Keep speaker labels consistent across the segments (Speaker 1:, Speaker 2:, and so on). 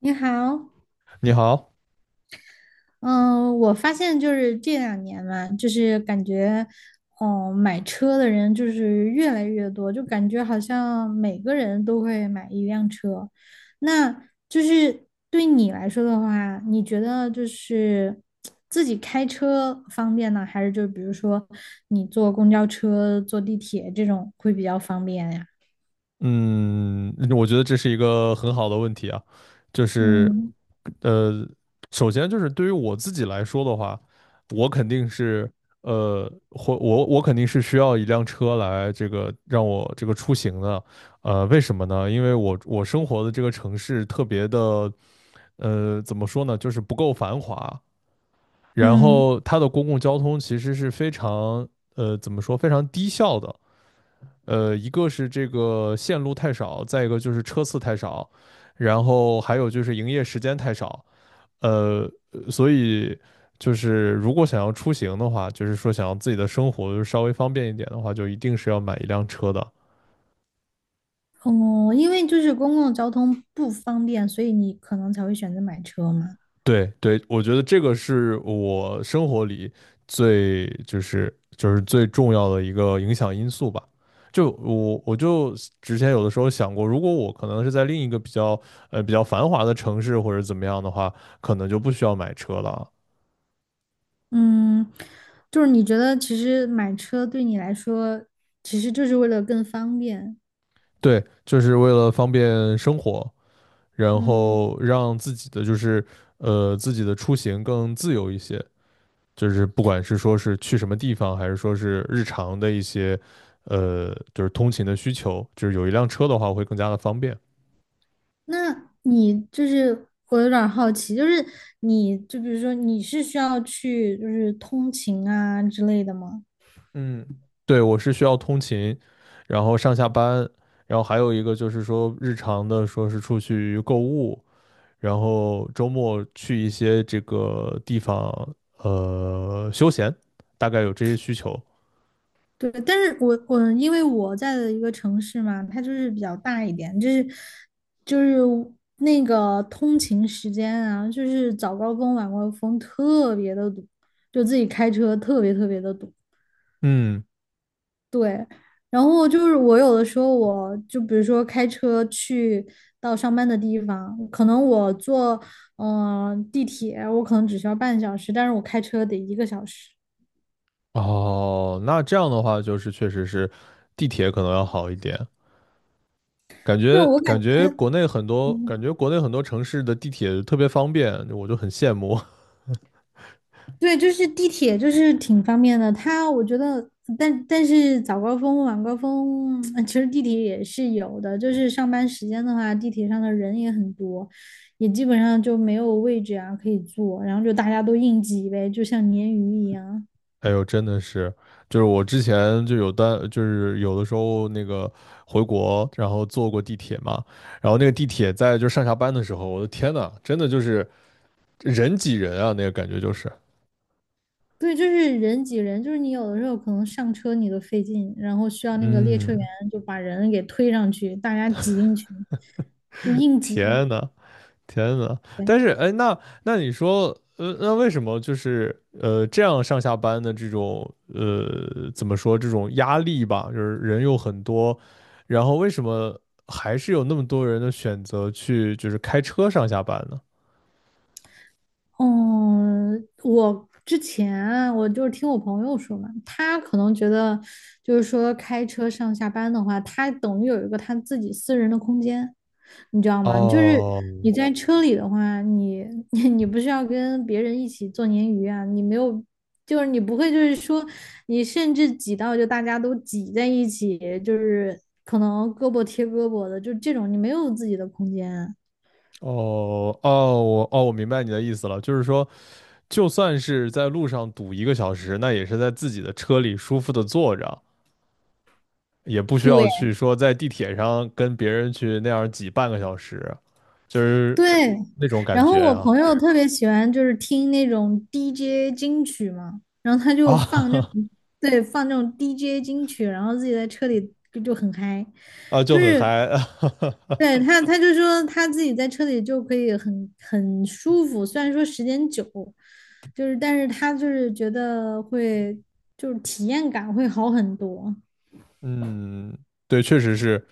Speaker 1: 你好，
Speaker 2: 你好。
Speaker 1: 嗯，我发现就是这两年嘛，就是感觉，哦，买车的人就是越来越多，就感觉好像每个人都会买一辆车。那就是对你来说的话，你觉得就是自己开车方便呢，还是就比如说你坐公交车、坐地铁这种会比较方便呀？
Speaker 2: 嗯，我觉得这是一个很好的问题啊。就是，
Speaker 1: 嗯
Speaker 2: 呃，首先就是对于我自己来说的话，我肯定是，呃，或我我肯定是需要一辆车来这个让我这个出行的。为什么呢？因为我生活的这个城市特别的，怎么说呢，就是不够繁华。然
Speaker 1: 嗯。
Speaker 2: 后它的公共交通其实是非常，怎么说，非常低效的。一个是这个线路太少，再一个就是车次太少，然后还有就是营业时间太少。呃，所以就是如果想要出行的话，就是说想要自己的生活稍微方便一点的话，就一定是要买一辆车的。
Speaker 1: 哦，因为就是公共交通不方便，所以你可能才会选择买车嘛。
Speaker 2: 对对，我觉得这个是我生活里最就是就是最重要的一个影响因素吧。就我我就之前有的时候想过，如果我可能是在另一个比较繁华的城市或者怎么样的话，可能就不需要买车了。
Speaker 1: 嗯，就是你觉得其实买车对你来说，其实就是为了更方便。
Speaker 2: 对，就是为了方便生活，然
Speaker 1: 嗯，
Speaker 2: 后让自己的自己的出行更自由一些。就是不管是说是去什么地方，还是说是日常的一些，就是通勤的需求，就是有一辆车的话会更加的方便。
Speaker 1: 那你就是我有点儿好奇，就是你就比如说你是需要去就是通勤啊之类的吗？
Speaker 2: 嗯，对，我是需要通勤，然后上下班。然后还有一个就是说日常的，说是出去购物，然后周末去一些这个地方，休闲，大概有这些需求。
Speaker 1: 对，但是我因为我在的一个城市嘛，它就是比较大一点，就是就是那个通勤时间啊，就是早高峰、晚高峰特别的堵，就自己开车特别特别的堵。
Speaker 2: 嗯。
Speaker 1: 对，然后就是我有的时候我就比如说开车去到上班的地方，可能我坐地铁，我可能只需要半小时，但是我开车得一个小时。
Speaker 2: 哦，那这样的话就是确实是地铁可能要好一点。
Speaker 1: 对，我感
Speaker 2: 感
Speaker 1: 觉。
Speaker 2: 觉国内很多城市的地铁特别方便，我就很羡慕。
Speaker 1: 对，就是地铁，就是挺方便的。它我觉得，但是早高峰、晚高峰，其实地铁也是有的。就是上班时间的话，地铁上的人也很多，也基本上就没有位置啊可以坐，然后就大家都硬挤呗，就像鲶鱼一样。
Speaker 2: 哎呦，真的是，就是我之前就有单，就是有的时候那个回国，然后坐过地铁嘛。然后那个地铁在就上下班的时候，我的天呐，真的就是人挤人啊，那个感觉就是。
Speaker 1: 对，就是人挤人，就是你有的时候可能上车你都费劲，然后需要那个列车员
Speaker 2: 嗯，
Speaker 1: 就把人给推上去，大家挤进去，就硬挤。
Speaker 2: 天呐，天呐。
Speaker 1: 对。
Speaker 2: 但是哎，那那你说，呃，那为什么就是这样上下班的这种怎么说这种压力吧，就是人又很多，然后为什么还是有那么多人的选择去就是开车上下班呢？
Speaker 1: 嗯，我之前我就是听我朋友说嘛，他可能觉得就是说开车上下班的话，他等于有一个他自己私人的空间，你知道吗？就是
Speaker 2: 哦
Speaker 1: 你在车里的话，你 你不是要跟别人一起做鲶鱼啊，你没有，就是你不会就是说你甚至挤到就大家都挤在一起，就是可能胳膊贴胳膊的，就这种你没有自己的空间。
Speaker 2: 哦,我明白你的意思了。就是说就算是在路上堵一个小时，那也是在自己的车里舒服的坐着，也不需要
Speaker 1: 对。
Speaker 2: 去说在地铁上跟别人去那样挤半个小时，就是
Speaker 1: 对，
Speaker 2: 那种感
Speaker 1: 然后
Speaker 2: 觉
Speaker 1: 我
Speaker 2: 啊。
Speaker 1: 朋友特别喜欢就是听那种 DJ 金曲嘛，然后他就放那
Speaker 2: 啊，
Speaker 1: 种，对，放那种 DJ 金曲，然后自己在车里就很嗨，
Speaker 2: 啊，就
Speaker 1: 就
Speaker 2: 很
Speaker 1: 是
Speaker 2: 嗨。
Speaker 1: 对他，他就说他自己在车里就可以很舒服，虽然说时间久，就是但是他就是觉得会就是体验感会好很多。
Speaker 2: 嗯，对，确实是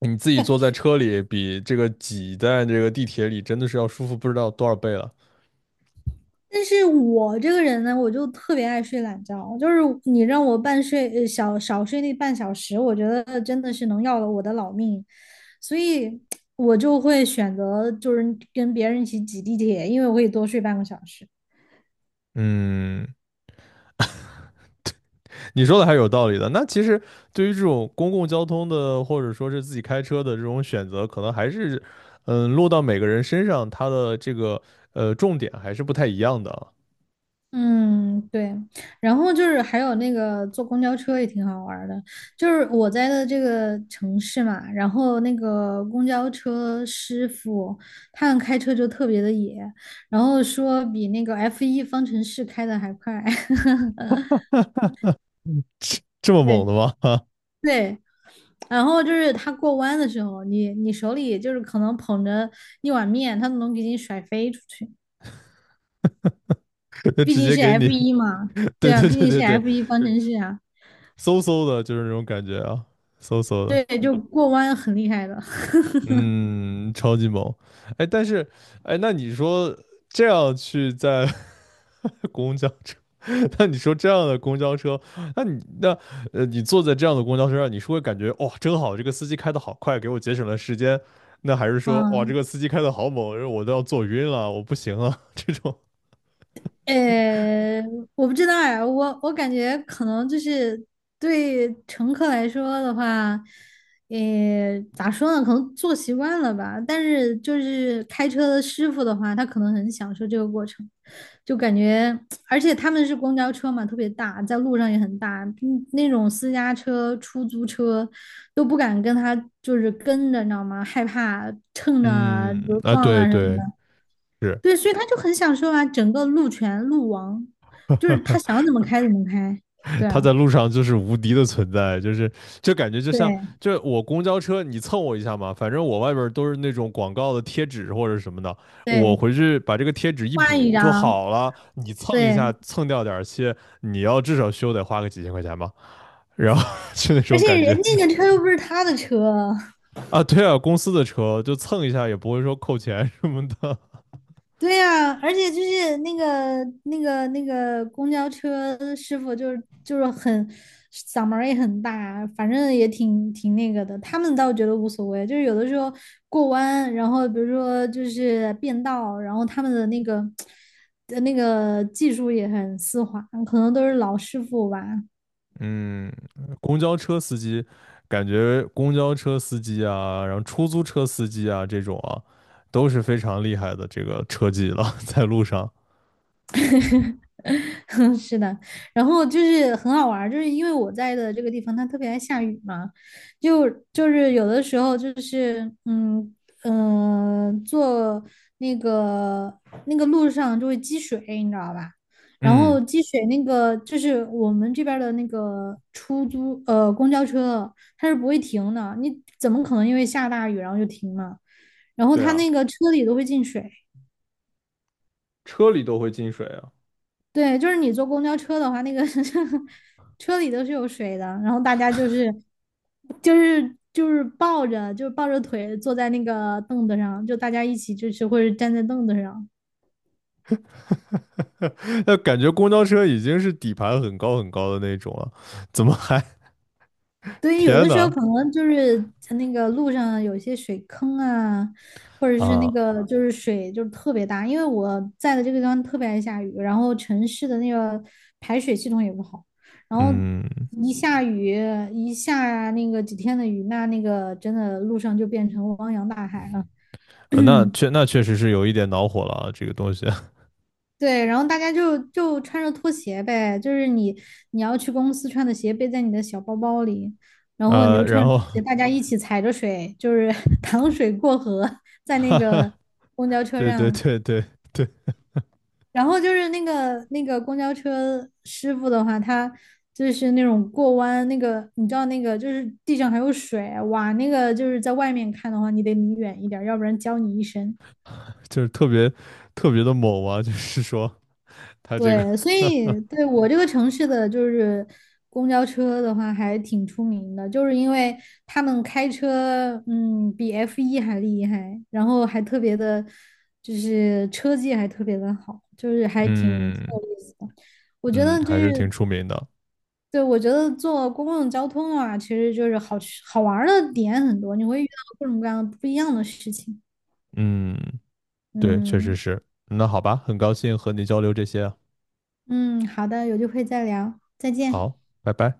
Speaker 2: 你自己坐在车里比这个挤在这个地铁里真的是要舒服不知道多少倍了。
Speaker 1: 但是我这个人呢，我就特别爱睡懒觉，就是你让我半睡，呃，小少睡那半小时，我觉得真的是能要了我的老命，所以我就会选择就是跟别人一起挤地铁，因为我可以多睡半个小时。
Speaker 2: 嗯，你说的还是有道理的。那其实对于这种公共交通的，或者说是自己开车的这种选择，可能还是，嗯，落到每个人身上，它的这个重点还是不太一样的。
Speaker 1: 嗯，对，然后就是还有那个坐公交车也挺好玩儿的，就是我在的这个城市嘛，然后那个公交车师傅他们开车就特别的野，然后说比那个 f 一方程式开的还快。
Speaker 2: 这这么猛
Speaker 1: 对，
Speaker 2: 的吗？啊，
Speaker 1: 对，然后就是他过弯的时候，你手里就是可能捧着一碗面，他都能给你甩飞出去。
Speaker 2: 就
Speaker 1: 毕
Speaker 2: 直
Speaker 1: 竟
Speaker 2: 接
Speaker 1: 是
Speaker 2: 给你，
Speaker 1: f 一嘛，
Speaker 2: 对
Speaker 1: 对啊，
Speaker 2: 对
Speaker 1: 毕
Speaker 2: 对
Speaker 1: 竟是
Speaker 2: 对对。
Speaker 1: f 一方程式啊，
Speaker 2: 嗖嗖的，就是那种感觉啊，嗖嗖的。
Speaker 1: 对，就过弯很厉害的。
Speaker 2: 嗯，超级猛。哎，但是，哎，那你说这样去在 公交车，那你说这样的公交车，那你那呃，你坐在这样的公交车上，你是会感觉哇、真好，这个司机开的好快，给我节省了时间。那还是说，哇，这
Speaker 1: 嗯，
Speaker 2: 个司机开的好猛，我都要坐晕了，我不行了，这种。
Speaker 1: 呃，我不知道呀，我感觉可能就是对乘客来说的话，咋说呢，可能坐习惯了吧。但是就是开车的师傅的话，他可能很享受这个过程，就感觉，而且他们是公交车嘛，特别大，在路上也很大，那种私家车、出租车都不敢跟他就是跟着，你知道吗？害怕 蹭着
Speaker 2: 嗯，
Speaker 1: 啊，比如
Speaker 2: 啊，
Speaker 1: 撞
Speaker 2: 对
Speaker 1: 了什么
Speaker 2: 对，
Speaker 1: 的。
Speaker 2: 是。
Speaker 1: 对，所以他就很享受啊，整个路权路王，就是他 想怎么开怎么开。对
Speaker 2: 他
Speaker 1: 啊，
Speaker 2: 在路上就是无敌的存在，就感觉就像
Speaker 1: 对
Speaker 2: 就我公交车你蹭我一下嘛，反正我外边都是那种广告的贴纸或者什么的，我
Speaker 1: 对，
Speaker 2: 回去把这个贴纸一
Speaker 1: 换一
Speaker 2: 补就
Speaker 1: 张，
Speaker 2: 好了，你蹭一
Speaker 1: 对，
Speaker 2: 下蹭掉点儿漆，你要至少修得花个几千块钱吧，然后 就那
Speaker 1: 而
Speaker 2: 种
Speaker 1: 且
Speaker 2: 感觉
Speaker 1: 人家的车又不是他的车，
Speaker 2: 啊。对啊，公司的车就蹭一下也不会说扣钱什么的。
Speaker 1: 对呀，而且就是那个公交车师傅，就是很嗓门儿也很大，反正也挺那个的。他们倒觉得无所谓，就是有的时候过弯，然后比如说就是变道，然后他们的那个技术也很丝滑，可能都是老师傅吧。
Speaker 2: 嗯，公交车司机，感觉公交车司机啊，然后出租车司机啊这种啊，都是非常厉害的这个车技了，在路上。
Speaker 1: 是的，然后就是很好玩儿就是因为我在的这个地方它特别爱下雨嘛，就是有的时候就是坐那个路上就会积水，你知道吧？然
Speaker 2: 嗯，
Speaker 1: 后积水那个就是我们这边儿的那个公交车它是不会停的，你怎么可能因为下大雨然后就停呢？然后
Speaker 2: 对
Speaker 1: 它
Speaker 2: 啊，
Speaker 1: 那个车里都会进水。
Speaker 2: 车里都会进水啊。
Speaker 1: 对，就是你坐公交车的话，那个 车里都是有水的，然后大家就是就是就是抱着就是抱着腿坐在那个凳子上，就大家一起就是或者站在凳子上。
Speaker 2: 那感觉公交车已经是底盘很高很高的那种了，怎么还？
Speaker 1: 对，有
Speaker 2: 天
Speaker 1: 的时候
Speaker 2: 呐！
Speaker 1: 可能就是在那个路上有些水坑啊，或者是那
Speaker 2: 啊，
Speaker 1: 个就是水就是特别大，因为我在的这个地方特别爱下雨，然后城市的那个排水系统也不好，然后
Speaker 2: 嗯，
Speaker 1: 一下雨一下那个几天的雨，那个真的路上就变成汪洋大海了。
Speaker 2: 那 确实是有一点恼火了啊，这个东西。
Speaker 1: 对，然后大家就穿着拖鞋呗，就是你要去公司穿的鞋背在你的小包包里，然后你就
Speaker 2: 然
Speaker 1: 穿着
Speaker 2: 后，
Speaker 1: 拖鞋，大 家一起踩着水，就是 淌水过河，在那
Speaker 2: 哈
Speaker 1: 个
Speaker 2: 哈，
Speaker 1: 公交车
Speaker 2: 对对
Speaker 1: 上。
Speaker 2: 对对对。
Speaker 1: 然后就是那个公交车师傅的话，他就是那种过弯，那个你知道那个就是地上还有水，哇，那个就是在外面看的话，你得离远一点儿，要不然浇你一身。
Speaker 2: 就是特别特别的猛啊，就是说。他这个
Speaker 1: 对，所 以对我这个城市的就是公交车的话，还挺出名的，就是因为他们开车，比 f 一还厉害，然后还特别的，就是车技还特别的好，就是还挺
Speaker 2: 嗯，
Speaker 1: 有意思的。我觉
Speaker 2: 嗯，
Speaker 1: 得就
Speaker 2: 还
Speaker 1: 是，
Speaker 2: 是挺出名的。
Speaker 1: 对，我觉得坐公共交通啊，其实就是好吃好玩儿的点很多，你会遇到各种各样的不一样的事情。
Speaker 2: 嗯，对，确实
Speaker 1: 嗯
Speaker 2: 是。那好吧，很高兴和你交流这些啊。
Speaker 1: 嗯，好的，有机会再聊，再见。
Speaker 2: 好，拜拜。